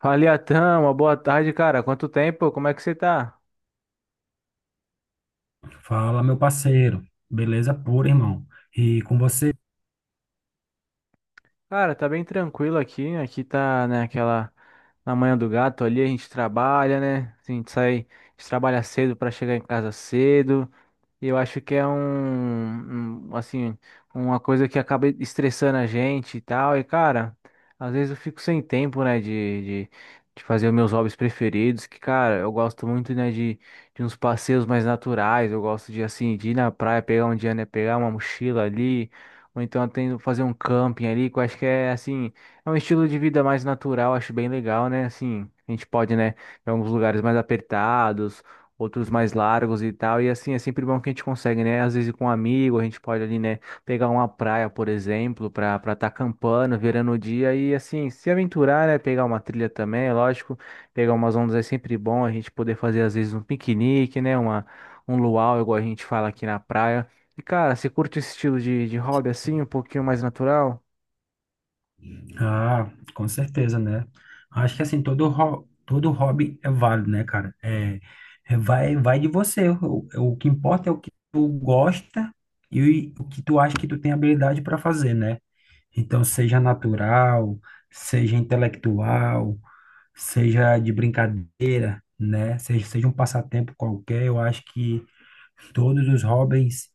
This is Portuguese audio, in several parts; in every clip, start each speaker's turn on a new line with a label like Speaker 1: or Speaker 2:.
Speaker 1: Fala, Atan, uma boa tarde, cara. Quanto tempo? Como é que você tá?
Speaker 2: Fala, meu parceiro. Beleza pura, irmão. E com você?
Speaker 1: Cara, tá bem tranquilo aqui. Aqui tá, né, aquela na manhã do gato ali, a gente trabalha, né? Assim, a gente sai, a gente trabalha cedo pra chegar em casa cedo. Eu acho que é um assim, uma coisa que acaba estressando a gente e tal. E, cara, às vezes eu fico sem tempo, né, de fazer os meus hobbies preferidos. Que, cara, eu gosto muito, né, de uns passeios mais naturais. Eu gosto de, assim, de ir na praia, pegar um dia, né, pegar uma mochila ali. Ou então tem, fazer um camping ali, que eu acho que é, assim, é um estilo de vida mais natural. Acho bem legal, né, assim. A gente pode, né, em alguns lugares mais apertados, outros mais largos e tal. E assim, é sempre bom que a gente consegue, né? Às vezes com um amigo, a gente pode ali, né, pegar uma praia, por exemplo, para estar acampando, virando o dia e assim, se aventurar, né? Pegar uma trilha também, é lógico. Pegar umas ondas é sempre bom, a gente poder fazer às vezes um piquenique, né? Uma, um luau, igual a gente fala aqui na praia. E cara, você curte esse estilo de hobby assim, um pouquinho mais natural?
Speaker 2: Ah, com certeza, né? Acho que assim, todo hobby é válido, né, cara? Vai de você. O que importa é o que tu gosta e o que tu acha que tu tem habilidade para fazer, né? Então, seja natural, seja intelectual, seja de brincadeira, né? Seja um passatempo qualquer, eu acho que todos os hobbies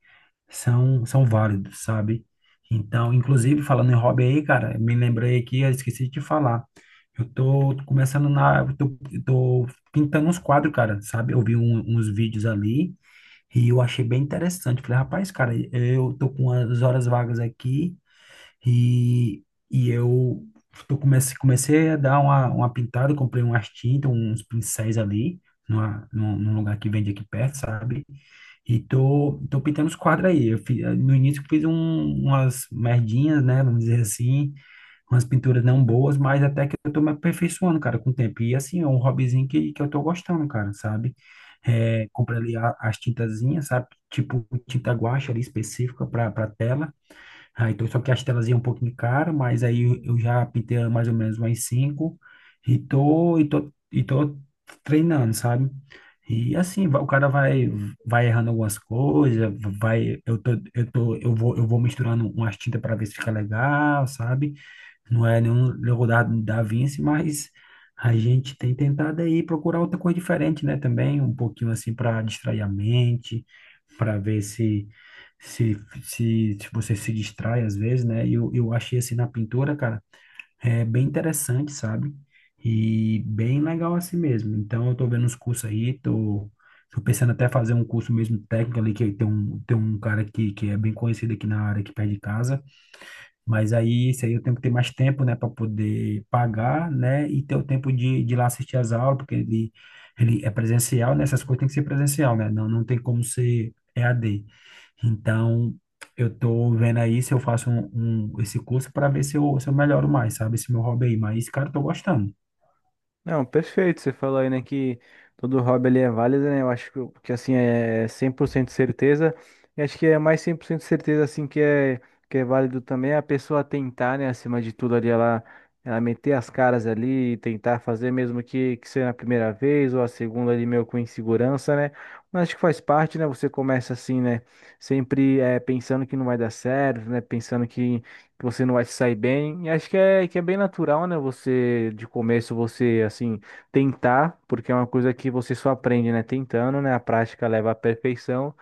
Speaker 2: são válidos, sabe? Então, inclusive, falando em hobby aí, cara, me lembrei aqui, eu esqueci de te falar. Eu tô pintando uns quadros, cara, sabe? Eu vi uns vídeos ali e eu achei bem interessante. Falei, rapaz, cara, eu tô com as horas vagas aqui e, eu comecei a dar uma pintada, comprei umas tintas, uns pincéis ali, num lugar que vende aqui perto, sabe? E tô pintando os quadros aí. No início eu fiz umas merdinhas, né? Vamos dizer assim, umas pinturas não boas, mas até que eu tô me aperfeiçoando, cara, com o tempo. E assim, é um hobbyzinho que eu tô gostando, cara, sabe? É, comprei ali as tintazinhas, sabe? Tipo tinta guache ali específica para tela. Ah, então, só que as telas iam um pouquinho cara, mas aí eu já pintei mais ou menos umas cinco e tô treinando, sabe? E assim, o cara vai, vai errando algumas coisas, vai, eu vou misturando umas tintas para ver se fica legal, sabe? Não é nenhum Leonardo da Vinci, mas a gente tem tentado aí procurar outra coisa diferente, né? Também um pouquinho assim para distrair a mente, para ver se se você se distrai às vezes, né? E eu achei assim na pintura, cara, é bem interessante, sabe? E bem legal assim mesmo. Então eu tô vendo uns cursos aí, tô pensando até fazer um curso mesmo técnico ali, que tem um cara que é bem conhecido aqui na área, aqui perto de casa, mas aí, isso aí eu tenho que ter mais tempo, né, para poder pagar, né, e ter o tempo de ir lá assistir as aulas, porque ele é presencial, né, essas coisas tem que ser presencial, né, não, não tem como ser EAD. Então, eu tô vendo aí se eu faço esse curso para ver se eu melhoro mais, sabe, esse meu hobby aí. Mas, cara, eu tô gostando.
Speaker 1: Não, perfeito. Você falou aí, né, que todo hobby ali é válido, né? Eu acho que, que assim, é 100% certeza. E acho que é mais 100% certeza, assim, que é válido também a pessoa tentar, né, acima de tudo ali, ela meter as caras ali e tentar fazer, mesmo que seja a primeira vez ou a segunda ali, meio com insegurança, né? Mas acho que faz parte, né? Você começa assim, né? Sempre pensando que não vai dar certo, né? Pensando que você não vai se sair bem. E acho que é bem natural, né? Você, de começo, você, assim, tentar, porque é uma coisa que você só aprende, né? Tentando, né? A prática leva à perfeição.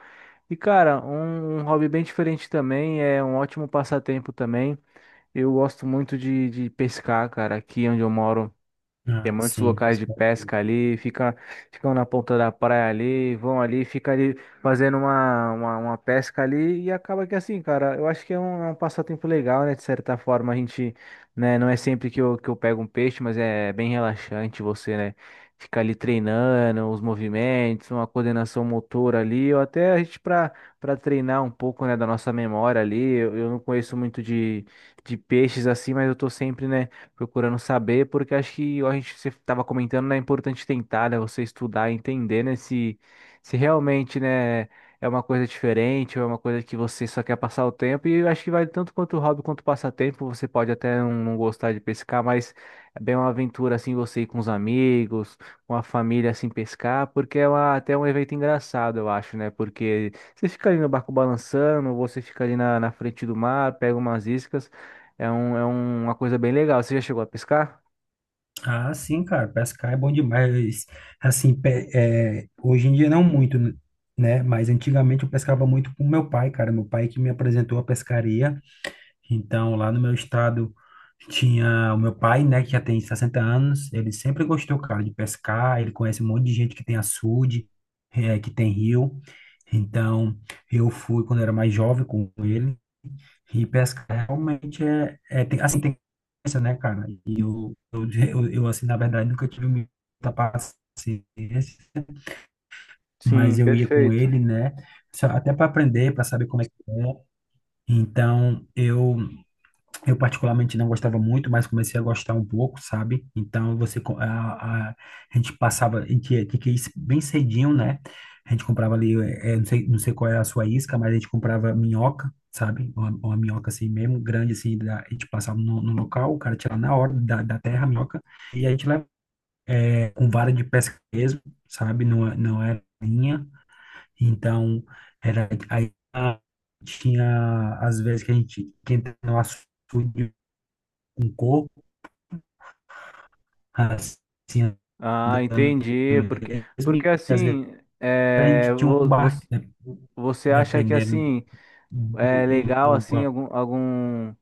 Speaker 1: E, cara, um hobby bem diferente também, é um ótimo passatempo também. Eu gosto muito de pescar, cara, aqui onde eu moro. Tem
Speaker 2: Ah,
Speaker 1: muitos
Speaker 2: sim.
Speaker 1: locais de pesca ali, fica, ficam na ponta da praia ali, vão ali, fica ali fazendo uma pesca ali e acaba que assim, cara, eu acho que é um passatempo legal, né? De certa forma, a gente, né, não é sempre que eu pego um peixe, mas é bem relaxante você, né? Ficar ali treinando os movimentos, uma coordenação motora ali, ou até a gente para treinar um pouco, né, da nossa memória ali. Eu não conheço muito de peixes assim, mas eu tô sempre, né, procurando saber, porque acho que a gente você estava comentando, né, é importante tentar, né, você estudar, e entender, né, se realmente, né, é uma coisa diferente ou é uma coisa que você só quer passar o tempo. E eu acho que vale tanto quanto o hobby quanto o passatempo. Você pode até não gostar de pescar, mas é bem uma aventura assim você ir com os amigos, com a família assim pescar, porque até um evento engraçado, eu acho, né? Porque você fica ali no barco balançando, você fica ali na, na frente do mar, pega umas iscas. É uma coisa bem legal. Você já chegou a pescar?
Speaker 2: Ah, sim, cara, pescar é bom demais. Assim, é, hoje em dia não muito, né? Mas antigamente eu pescava muito com meu pai, cara. Meu pai que me apresentou a pescaria. Então, lá no meu estado tinha o meu pai, né, que já tem 60 anos, ele sempre gostou, cara, de pescar, ele conhece um monte de gente que tem açude, que tem rio. Então, eu fui quando era mais jovem com ele, e pescar realmente é, é tem, assim, tem coisa, né, cara? E assim, na verdade, nunca tive muita paciência,
Speaker 1: Sim,
Speaker 2: mas eu ia com
Speaker 1: perfeito.
Speaker 2: ele, né, até para aprender, para saber como é que é. Então, eu particularmente não gostava muito, mas comecei a gostar um pouco, sabe? Então você a gente passava, que é isso bem cedinho, né? A gente comprava ali, não sei, não sei qual é a sua isca, mas a gente comprava minhoca, sabe? Uma minhoca assim mesmo, grande assim, a gente passava no, no local, o cara tirava na hora da terra a minhoca, e a gente levava com vara de pesca mesmo, sabe? Não, não era linha, então era aí tinha às vezes que a gente que entrava no açude com assim,
Speaker 1: Ah,
Speaker 2: andando
Speaker 1: entendi. Porque,
Speaker 2: mesmo.
Speaker 1: porque
Speaker 2: E às vezes
Speaker 1: assim,
Speaker 2: a
Speaker 1: é,
Speaker 2: gente tinha um barco, né,
Speaker 1: você acha que
Speaker 2: dependendo
Speaker 1: assim é
Speaker 2: do, do
Speaker 1: legal assim
Speaker 2: lugar.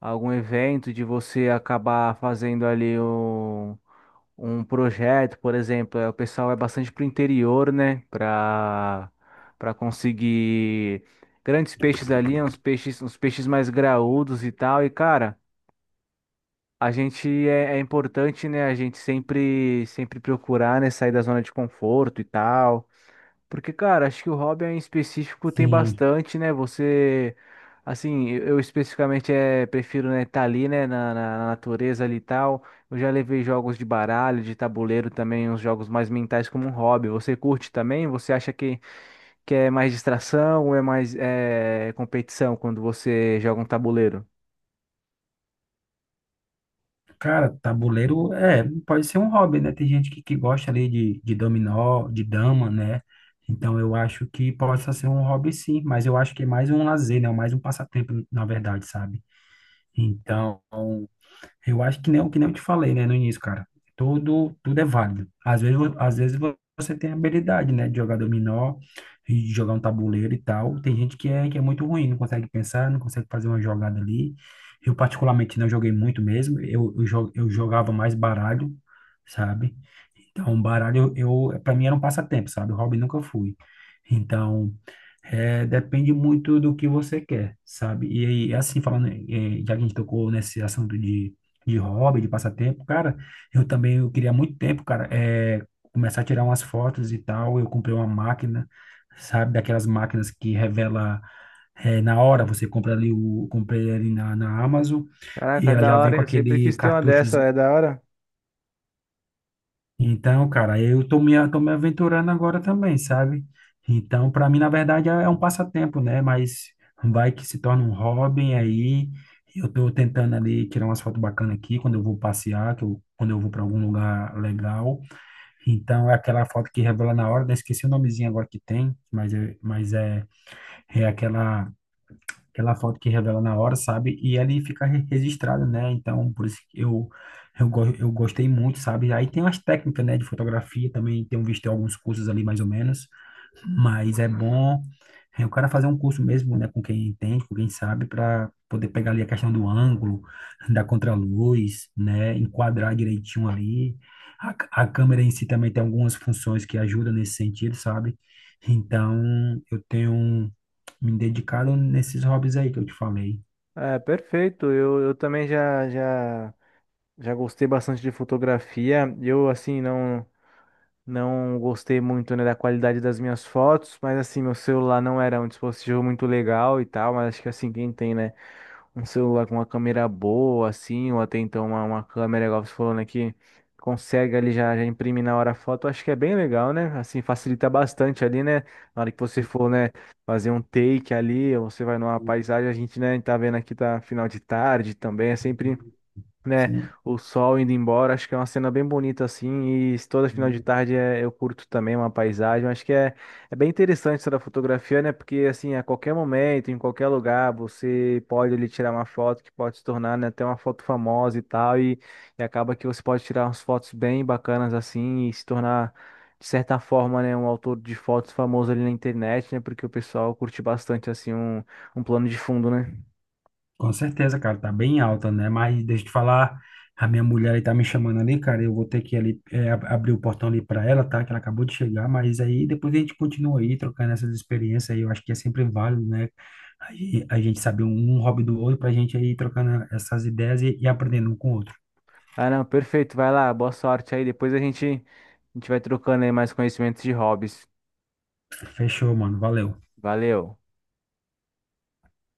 Speaker 1: algum evento de você acabar fazendo ali um projeto, por exemplo, é, o pessoal é bastante pro interior, né, para conseguir grandes peixes ali, uns peixes mais graúdos e tal. E cara, a gente é, é importante, né? A gente sempre procurar, né? Sair da zona de conforto e tal. Porque, cara, acho que o hobby em específico tem
Speaker 2: Assim,
Speaker 1: bastante, né? Você, assim, eu especificamente é, prefiro, né? Estar ali, né? Na natureza ali e tal. Eu já levei jogos de baralho, de tabuleiro também, uns jogos mais mentais como um hobby. Você curte também? Você acha que é mais distração ou é mais é, competição quando você joga um tabuleiro?
Speaker 2: cara, tabuleiro é, pode ser um hobby, né? Tem gente que gosta ali de dominó, de dama, né? Então eu acho que possa ser um hobby sim, mas eu acho que é mais um lazer, né? É mais um passatempo, na verdade, sabe? Então, eu acho que nem, o que nem eu te falei, né, no início, cara. Tudo é válido. Às vezes, você tem habilidade, né, de jogar dominó, e de jogar um tabuleiro e tal. Tem gente que é muito ruim, não consegue pensar, não consegue fazer uma jogada ali. Eu, particularmente, não joguei muito mesmo. Eu jogava mais baralho, sabe? Então, baralho, para mim era um passatempo, sabe? O hobby nunca fui. Então, é, depende muito do que você quer, sabe? E aí, assim, falando, já que a gente tocou nesse assunto de hobby, de passatempo, cara, eu também eu queria há muito tempo, cara, é, começar a tirar umas fotos e tal. Eu comprei uma máquina, sabe, daquelas máquinas que revela é, na hora. Você compra ali comprei ali na Amazon e
Speaker 1: Caraca,
Speaker 2: ela
Speaker 1: da
Speaker 2: já vem
Speaker 1: hora,
Speaker 2: com
Speaker 1: hein? Eu sempre
Speaker 2: aquele
Speaker 1: quis ter uma
Speaker 2: cartucho
Speaker 1: dessa, é da hora.
Speaker 2: então, cara, eu tô me aventurando agora também, sabe? Então, para mim, na verdade, é um passatempo, né? Mas vai que se torna um hobby aí. Eu tô tentando ali tirar umas fotos bacanas aqui quando eu vou passear, que eu, quando eu vou para algum lugar legal. Então, é aquela foto que revela na hora, né? Esqueci o nomezinho agora que tem, mas é, é aquela foto que revela na hora, sabe? E ali fica registrado, né? Então, por isso que eu gostei muito, sabe? Aí tem umas técnicas, né, de fotografia também, tenho visto em alguns cursos ali, mais ou menos. Mas é bom é, o cara fazer um curso mesmo, né, com quem entende, com quem sabe, para poder pegar ali a questão do ângulo, da contraluz, né, enquadrar direitinho ali. A câmera em si também tem algumas funções que ajudam nesse sentido, sabe? Então, eu tenho me dedicado nesses hobbies aí que eu te falei.
Speaker 1: É, perfeito. Eu também já, já gostei bastante de fotografia. Eu, assim, não. Não gostei muito, né, da qualidade das minhas fotos, mas assim, meu celular não era um dispositivo muito legal e tal, mas acho que assim, quem tem, né, um celular com uma câmera boa, assim, ou até então uma câmera, igual você falou, né, que consegue ali já, já imprimir na hora a foto, acho que é bem legal, né, assim, facilita bastante ali, né, na hora que você for, né, fazer um take ali, ou você vai numa paisagem, a gente, né, tá vendo aqui, tá final de tarde também, é sempre, né?
Speaker 2: Sim.
Speaker 1: O sol indo embora, acho que é uma cena bem bonita assim, e toda final de tarde é, eu curto também uma paisagem, acho que é, é bem interessante essa da fotografia, né? Porque assim, a qualquer momento, em qualquer lugar, você pode ali tirar uma foto que pode se tornar, né, até uma foto famosa e tal, e acaba que você pode tirar umas fotos bem bacanas assim e se tornar, de certa forma, né, um autor de fotos famoso ali na internet, né, porque o pessoal curte bastante, assim, um plano de fundo, né?
Speaker 2: Com certeza, cara, tá bem alta, né? Mas deixa eu te falar, a minha mulher aí tá me chamando ali, cara. Eu vou ter que ali é, abrir o portão ali pra ela, tá? Que ela acabou de chegar, mas aí depois a gente continua aí trocando essas experiências aí. Eu acho que é sempre válido, né? A gente saber um hobby do outro pra gente aí trocando essas ideias e aprendendo um com o outro.
Speaker 1: Ah, não, perfeito, vai lá, boa sorte aí, depois a gente a gente vai trocando aí mais conhecimentos de hobbies.
Speaker 2: Fechou, mano. Valeu.
Speaker 1: Valeu.